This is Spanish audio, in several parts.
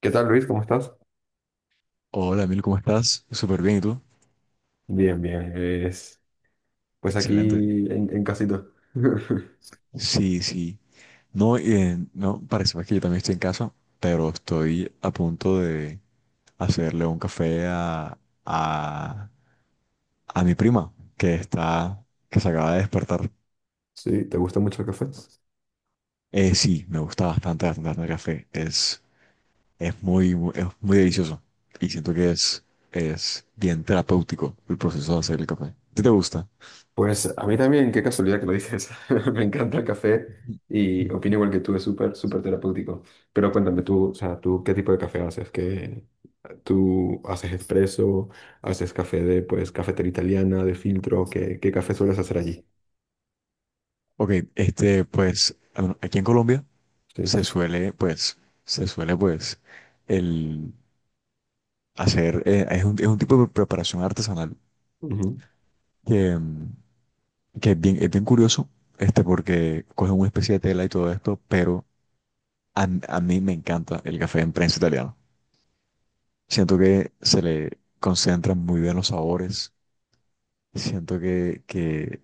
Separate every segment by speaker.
Speaker 1: ¿Qué tal, Luis? ¿Cómo estás?
Speaker 2: Hola, Emil, ¿cómo estás? Súper bien, ¿y tú?
Speaker 1: Bien, bien. Pues aquí
Speaker 2: Excelente.
Speaker 1: en casita.
Speaker 2: Sí, sí. No, no, parece más que yo también estoy en casa, pero estoy a punto de hacerle un café a, a mi prima, que está, que se acaba de despertar.
Speaker 1: Sí, ¿te gusta mucho el café?
Speaker 2: Sí, me gusta bastante, bastante, bastante el café. Es muy delicioso y siento que es bien terapéutico el proceso de hacer el café. ¿A ti te gusta?
Speaker 1: Pues a mí también, qué casualidad que lo dices. Me encanta el café y opino igual que tú, es súper, súper terapéutico. Pero cuéntame tú, o sea, tú, ¿qué tipo de café haces? ¿Tú haces expreso? ¿Haces café de, pues, cafetera italiana, de filtro? ¿Qué café sueles
Speaker 2: Ujú.
Speaker 1: hacer allí?
Speaker 2: Ok, pues, aquí en Colombia
Speaker 1: Sí.
Speaker 2: se suele, pues, se suele, pues, el hacer, es un tipo de preparación artesanal
Speaker 1: Ujú,
Speaker 2: que, mm, que es bien curioso, este, porque cogen una especie de tela y todo esto, pero a mí me encanta el café en prensa italiano. Siento que se le concentran muy bien los sabores, siento que, que,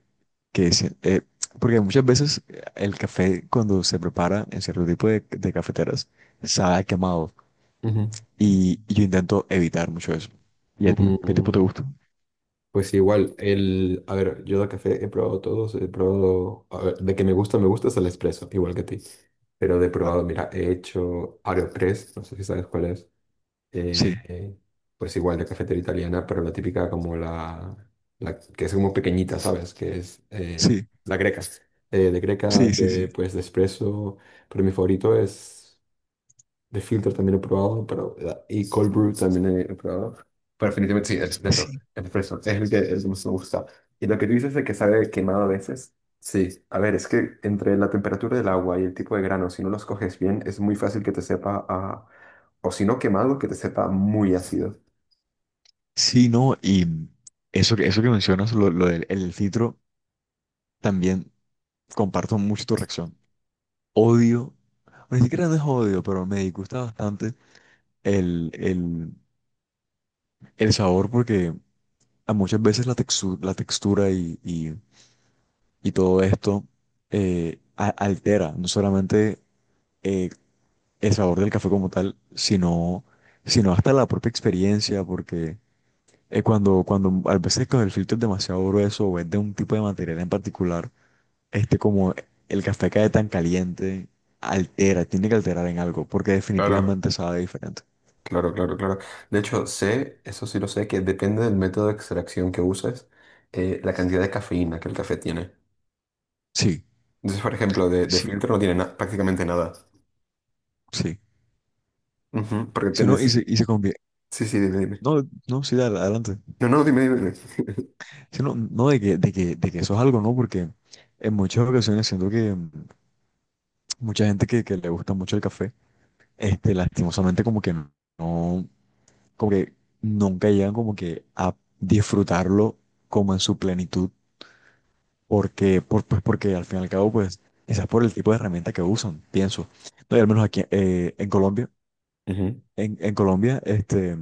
Speaker 2: que, se- eh, porque muchas veces el café cuando se prepara en cierto tipo de cafeteras, sabe a quemado.
Speaker 1: ujú.
Speaker 2: Y yo intento evitar mucho eso. ¿Y a ti? ¿Qué tipo te
Speaker 1: Mm,
Speaker 2: gusta?
Speaker 1: Pues igual, el, a ver, yo de café he probado todos, he probado, a ver, de que me gusta es el espresso, igual que a ti. Pero he
Speaker 2: Claro.
Speaker 1: probado, mira, he hecho AeroPress, no sé si sabes cuál es.
Speaker 2: Sí,
Speaker 1: eh, pues igual de cafetera italiana, pero la típica como la que es como pequeñita, ¿sabes? Que es
Speaker 2: sí,
Speaker 1: la greca. De greca,
Speaker 2: sí, sí, sí.
Speaker 1: de, pues de espresso, pero mi favorito es de filtro también he probado, pero y cold brew también he probado. Pero definitivamente sí, el espresso.
Speaker 2: Sí,
Speaker 1: El espresso es el que más me gusta. Y lo que tú dices de que sabe quemado a veces. Sí, a ver, es que entre la temperatura del agua y el tipo de grano, si no los coges bien, es muy fácil que te sepa a... O si no quemado, que te sepa muy ácido.
Speaker 2: sí, no. Y eso, eso que mencionas, lo del el filtro, también comparto mucho tu reacción. Odio, o ni siquiera no es odio, pero me disgusta bastante el, el, el sabor porque a muchas veces la textura y todo esto altera, no solamente eh, el sabor del café como tal, sino hasta la propia experiencia, porque cuando a veces con el filtro es demasiado grueso o es de un tipo de material en particular, como el café cae tan caliente, altera, tiene que alterar en algo, porque
Speaker 1: Claro,
Speaker 2: definitivamente sabe diferente.
Speaker 1: claro, claro, claro. De hecho, sé, eso sí lo sé, que depende del método de extracción que uses, la cantidad de cafeína que el café tiene.
Speaker 2: Sí,
Speaker 1: Entonces, por ejemplo, de
Speaker 2: sí,
Speaker 1: filtro no tiene prácticamente nada.
Speaker 2: sí.
Speaker 1: Ujú. Porque
Speaker 2: Si no,
Speaker 1: tenés...
Speaker 2: y se convierte.
Speaker 1: Sí, sí, dime, dime.
Speaker 2: No, no, sí, dale, adelante.
Speaker 1: No, no, dime, dime. Dime.
Speaker 2: Si no, de que eso es algo, ¿no? Porque en muchas ocasiones siento que mm, mucha gente que le gusta mucho el café, este, lastimosamente como que no, como que nunca llegan como que a disfrutarlo como en su plenitud, porque, pues porque al fin y al cabo, pues, quizás por el tipo de herramienta que usan, pienso. No, y al menos aquí
Speaker 1: Ujú.
Speaker 2: en Colombia, este,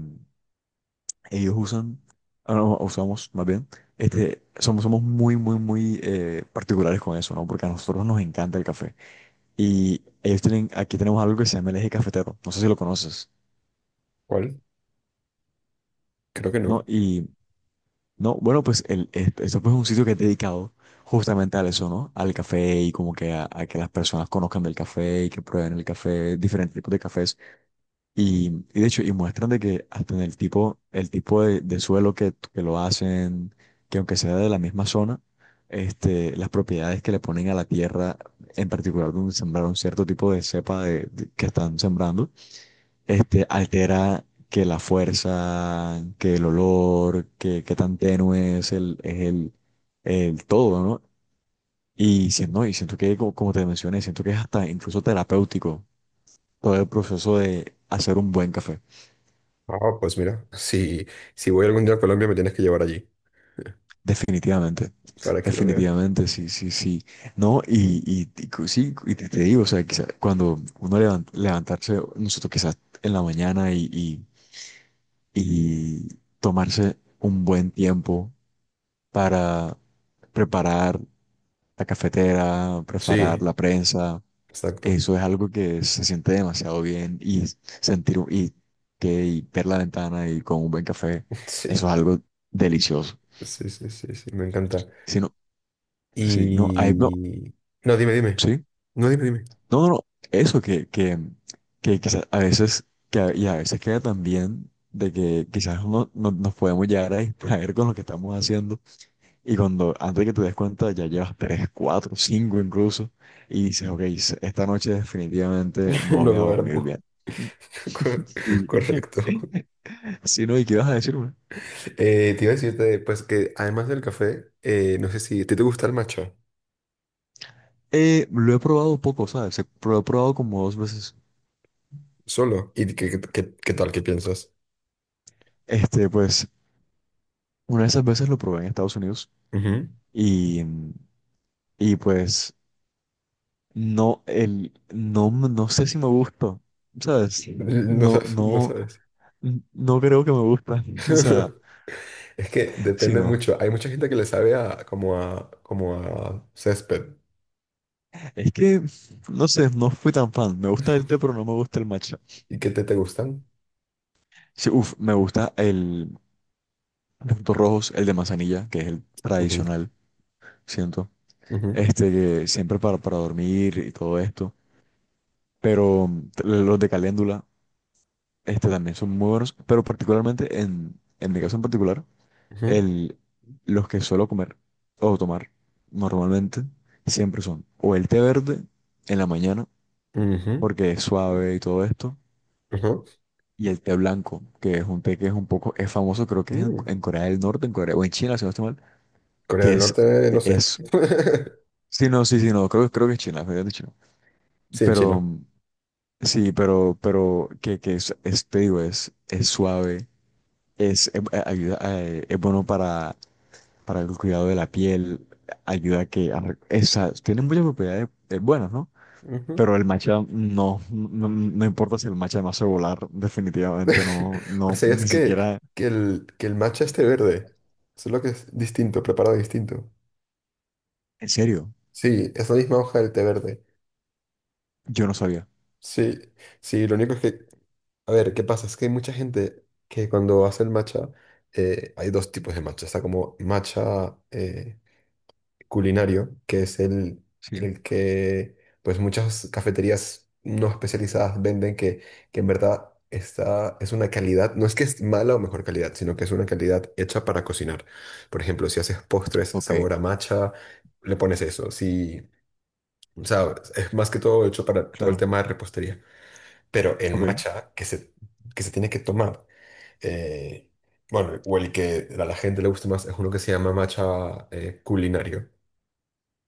Speaker 2: ellos usan, ah, no, usamos más bien, este, somos muy, muy, muy particulares con eso, ¿no? Porque a nosotros nos encanta el café. Y ellos tienen, aquí tenemos algo que se llama el eje cafetero, no sé si lo conoces,
Speaker 1: ¿Cuál? Creo que
Speaker 2: ¿no?
Speaker 1: no.
Speaker 2: Y no, bueno, esto pues es un sitio que es dedicado justamente a eso, ¿no? Al café y como que a que las personas conozcan del café y que prueben el café, diferentes tipos de cafés. Y, y de hecho, y muestran de que hasta en el tipo de suelo que lo hacen, que aunque sea de la misma zona, este, las propiedades que le ponen a la tierra, en particular donde sembraron cierto tipo de cepa que están sembrando este, altera que la fuerza, que el olor, que qué tan tenue es el todo, ¿no? Y siento que, como, como te mencioné, siento que es hasta incluso terapéutico todo el proceso de hacer un buen café.
Speaker 1: Ah, pues mira, si, si voy algún día a Colombia me tienes que llevar allí
Speaker 2: Definitivamente,
Speaker 1: para que lo vea.
Speaker 2: definitivamente, sí, sí, sí. No, sí, te digo, o sea, quizá cuando levantarse, nosotros quizás en la mañana y tomarse un buen tiempo para preparar la cafetera, preparar
Speaker 1: Sí,
Speaker 2: la prensa.
Speaker 1: exacto.
Speaker 2: Eso es algo que se siente demasiado bien y sentir y ver la ventana y con un buen café, eso
Speaker 1: Sí,
Speaker 2: es algo delicioso.
Speaker 1: sí, sí, sí, sí, me encanta.
Speaker 2: Si no, sí, no, hay, no,
Speaker 1: Y... No, dime, dime.
Speaker 2: sí,
Speaker 1: No, dime, dime.
Speaker 2: no, no, no, eso que quizás a veces, y a veces queda también de que quizás nos podemos llegar a distraer con lo que estamos haciendo. Y cuando, antes de que te des cuenta, ya llevas tres, cuatro, cinco incluso, y dices, ok, esta noche definitivamente no
Speaker 1: No
Speaker 2: voy a dormir
Speaker 1: duermo.
Speaker 2: bien.
Speaker 1: Cor-
Speaker 2: Sí.
Speaker 1: Correcto.
Speaker 2: Sí, no, ¿y qué vas a decirme?
Speaker 1: Te iba a decirte, pues que además del café, no sé si... ¿Te, te gusta el matcha?
Speaker 2: Lo he probado poco, ¿sabes? Lo he probado como dos veces.
Speaker 1: Solo. ¿Y qué, qué tal? ¿Qué piensas?
Speaker 2: Este, pues, una de esas veces lo probé en Estados Unidos
Speaker 1: Ujú.
Speaker 2: y, y pues, no, el, no, m- no sé si me gustó, ¿sabes? Sí.
Speaker 1: No
Speaker 2: No,
Speaker 1: sabes, no
Speaker 2: no,
Speaker 1: sabes.
Speaker 2: no creo que me gusta. O sea,
Speaker 1: Es que depende
Speaker 2: sino
Speaker 1: mucho. Hay mucha gente que le sabe a como a como a césped.
Speaker 2: es que, no sé, no fui tan fan. Me gusta el té, pero no me gusta el matcha.
Speaker 1: ¿Y qué te, te gustan?
Speaker 2: Sí, uf, me gusta el de frutos rojos, el de manzanilla, que es el
Speaker 1: Ujú,
Speaker 2: tradicional, siento.
Speaker 1: ujú,
Speaker 2: Este, que siempre para dormir y todo esto. Pero mm, los de caléndula, este también son muy buenos. Pero particularmente, en mi caso en particular,
Speaker 1: ujú,
Speaker 2: el, los que suelo comer o tomar normalmente, siempre son o el té verde en la mañana,
Speaker 1: ujú,
Speaker 2: porque es suave y todo esto.
Speaker 1: ujú.
Speaker 2: Y el té blanco, que es un té que es un poco, es famoso, creo que es
Speaker 1: Mm.
Speaker 2: en Corea del Norte, en Corea, o en China, si no estoy mal,
Speaker 1: Corea
Speaker 2: que
Speaker 1: del
Speaker 2: es,
Speaker 1: Norte, no sé.
Speaker 2: es, sí, no, sí, sí, no, creo, creo que es China, me habían dicho.
Speaker 1: Sí, en
Speaker 2: Pero,
Speaker 1: chino.
Speaker 2: mm, sí, te digo, es suave, ayuda, es bueno para el cuidado de la piel, ayuda a que, es, tiene muchas propiedades buenas, ¿no?
Speaker 1: Ujú.
Speaker 2: Pero el matcha no, no, no importa si el matcha me hace volar, definitivamente no,
Speaker 1: Pero
Speaker 2: no,
Speaker 1: sabías
Speaker 2: ni siquiera.
Speaker 1: que el matcha es té verde. Solo que es distinto, preparado distinto.
Speaker 2: ¿En serio?
Speaker 1: Sí, es la misma hoja del té verde.
Speaker 2: Yo no sabía.
Speaker 1: Sí, sí, lo único es que a ver, ¿qué pasa? Es que hay mucha gente que cuando hace el matcha, hay dos tipos de matcha. Está como matcha culinario, que es
Speaker 2: Sí,
Speaker 1: el que pues muchas cafeterías no especializadas venden que en verdad está, es una calidad, no es que es mala o mejor calidad, sino que es una calidad hecha para cocinar. Por ejemplo, si haces postres
Speaker 2: ok,
Speaker 1: sabor a matcha, le pones eso. Si, o sea, es más que todo hecho para todo el
Speaker 2: claro.
Speaker 1: tema de repostería. Pero el
Speaker 2: Ok,
Speaker 1: matcha que se tiene que tomar. Eh, bueno, o el que a la gente le guste más es uno que se llama matcha culinario,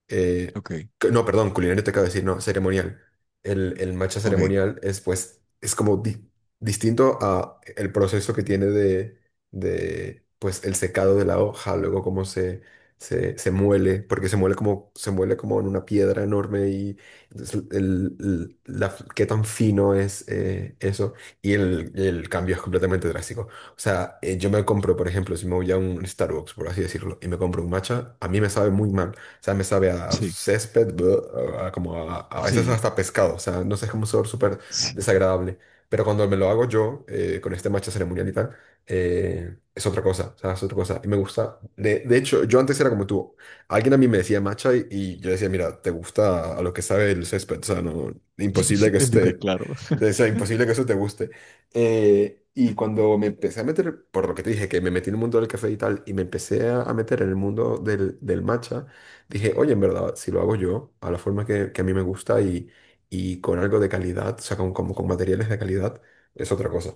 Speaker 1: eh,
Speaker 2: ok,
Speaker 1: no, perdón, culinario te acabo de decir, no, ceremonial. El matcha
Speaker 2: ok.
Speaker 1: ceremonial es pues, es como distinto a el proceso que tiene de, pues, el secado de la hoja, luego cómo se, se muele, porque se muele como en una piedra enorme y entonces el, qué tan fino es eso y el cambio es completamente drástico. O sea, yo me compro, por ejemplo, si me voy a un Starbucks, por así decirlo, y me compro un matcha, a mí me sabe muy mal sea, me sabe a
Speaker 2: Sí,
Speaker 1: césped, bleh, a como a veces
Speaker 2: sí,
Speaker 1: hasta pescado, o sea, no sé, es como un sabor súper
Speaker 2: sí.
Speaker 1: desagradable. Pero cuando me lo hago yo, con este matcha ceremonial y tal, es otra cosa, o sea, es otra cosa. Y me gusta, de hecho, yo antes era como tú, alguien a mí me decía matcha y yo decía, mira, te gusta a lo que sabe el césped, o sea, no, imposible que
Speaker 2: Elite,
Speaker 1: esté...
Speaker 2: claro.
Speaker 1: O sea, imposible que eso te guste. Y cuando me empecé a meter, por lo que te dije, que me metí en el mundo del café y tal, y me empecé a meter en el mundo del, del matcha, dije, oye, en verdad, si lo hago yo, a la forma que a mí me gusta y con algo de calidad, o sea, con, como con materiales de calidad, es otra cosa.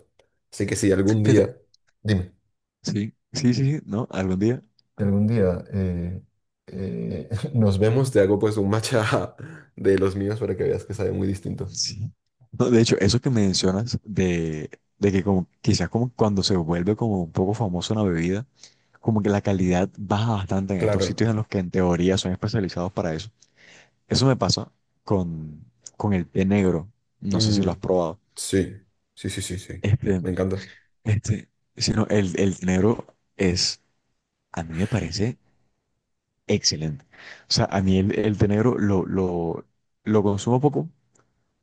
Speaker 1: Así que si algún
Speaker 2: Fíjate,
Speaker 1: día, dime,
Speaker 2: sí, sí, sí, sí, ¿no? Algún día.
Speaker 1: si algún día eh, nos vemos, te hago pues un matcha de los míos para que veas que sabe muy distinto.
Speaker 2: Sí. No, de hecho, eso que mencionas de que como quizás como cuando se vuelve como un poco famoso una bebida, como que la calidad baja bastante en estos
Speaker 1: Claro.
Speaker 2: sitios en los que en teoría son especializados para eso. Eso me pasa con, con el té negro. No sé si lo has
Speaker 1: Mm,
Speaker 2: probado.
Speaker 1: sí, sí, sí, sí, sí.
Speaker 2: Este,
Speaker 1: Me encanta.
Speaker 2: Este, sino el té negro es, a mí me parece excelente. O sea, a mí el té negro lo consumo poco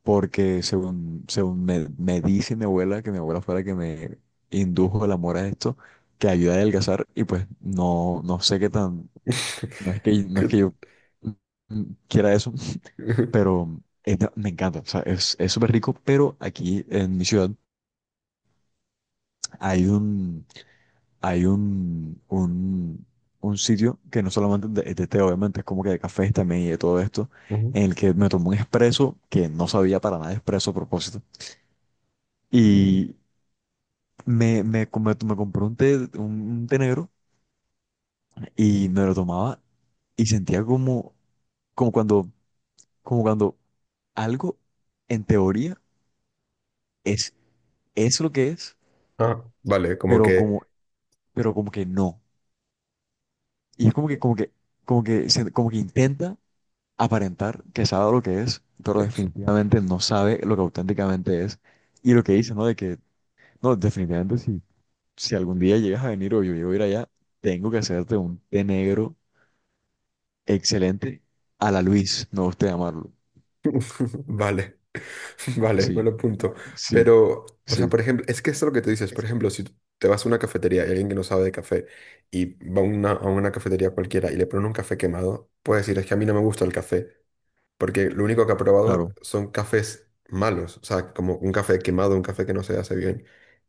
Speaker 2: porque según me dice mi abuela, que mi abuela fue la que me indujo el amor a esto, que ayuda a adelgazar y pues no, no sé qué tan, no es que, no es que yo
Speaker 1: Que-
Speaker 2: mm, quiera eso, pero me encanta. O sea, es súper rico, pero aquí en mi ciudad hay un hay un sitio que no solamente es de té, obviamente, es como que de cafés también y de todo esto,
Speaker 1: Ujú.
Speaker 2: en el que me tomé un espresso que no sabía para nada expreso a propósito. Y compré un té, un té negro y me lo tomaba y sentía como, como cuando, como cuando algo en teoría es, es lo que es,
Speaker 1: Ah, vale, como
Speaker 2: pero
Speaker 1: que,
Speaker 2: como, pero como que no. Y es como que como que intenta aparentar que sabe lo que es, pero definitivamente no sabe lo que auténticamente es. Y lo que dice, ¿no? No, definitivamente si, si algún día llegas a venir o yo llego a ir allá, tengo que hacerte un té negro excelente a la Luis, no usted llamarlo.
Speaker 1: vale. Vale,
Speaker 2: Sí,
Speaker 1: buen punto.
Speaker 2: sí,
Speaker 1: Pero, o sea,
Speaker 2: sí,
Speaker 1: por ejemplo, es que eso es lo que tú dices. Por ejemplo, si te vas a una cafetería y hay alguien que no sabe de café y va a una cafetería cualquiera y le ponen un café quemado, puede decir, es que a mí no me gusta el café. Porque lo único que ha probado
Speaker 2: claro,
Speaker 1: son cafés malos, o sea, como un café quemado, un café que no se hace bien.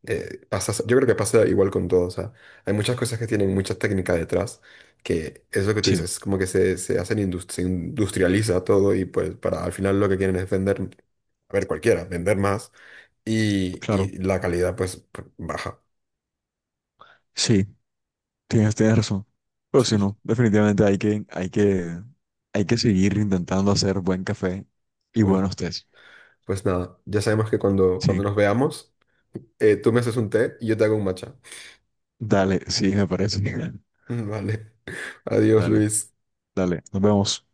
Speaker 1: Yo creo que pasa igual con todo, o sea, hay muchas cosas que tienen mucha técnica detrás, que es lo que tú
Speaker 2: sí,
Speaker 1: dices, como que se hacen se industrializa todo y pues para al final lo que quieren es vender, a ver, cualquiera, vender más
Speaker 2: claro,
Speaker 1: y la calidad pues baja.
Speaker 2: sí, tienes, tienes razón. Pero
Speaker 1: Sí,
Speaker 2: si
Speaker 1: sí.
Speaker 2: no, definitivamente hay que, hay que, hay que seguir intentando hacer buen café
Speaker 1: Y
Speaker 2: y
Speaker 1: bueno,
Speaker 2: buenos tés.
Speaker 1: pues nada, ya sabemos que cuando, cuando
Speaker 2: Sí,
Speaker 1: nos veamos, tú me haces un té y yo te hago un matcha.
Speaker 2: dale, sí, me parece.
Speaker 1: Vale, adiós
Speaker 2: Dale.
Speaker 1: Luis.
Speaker 2: Dale, nos vemos.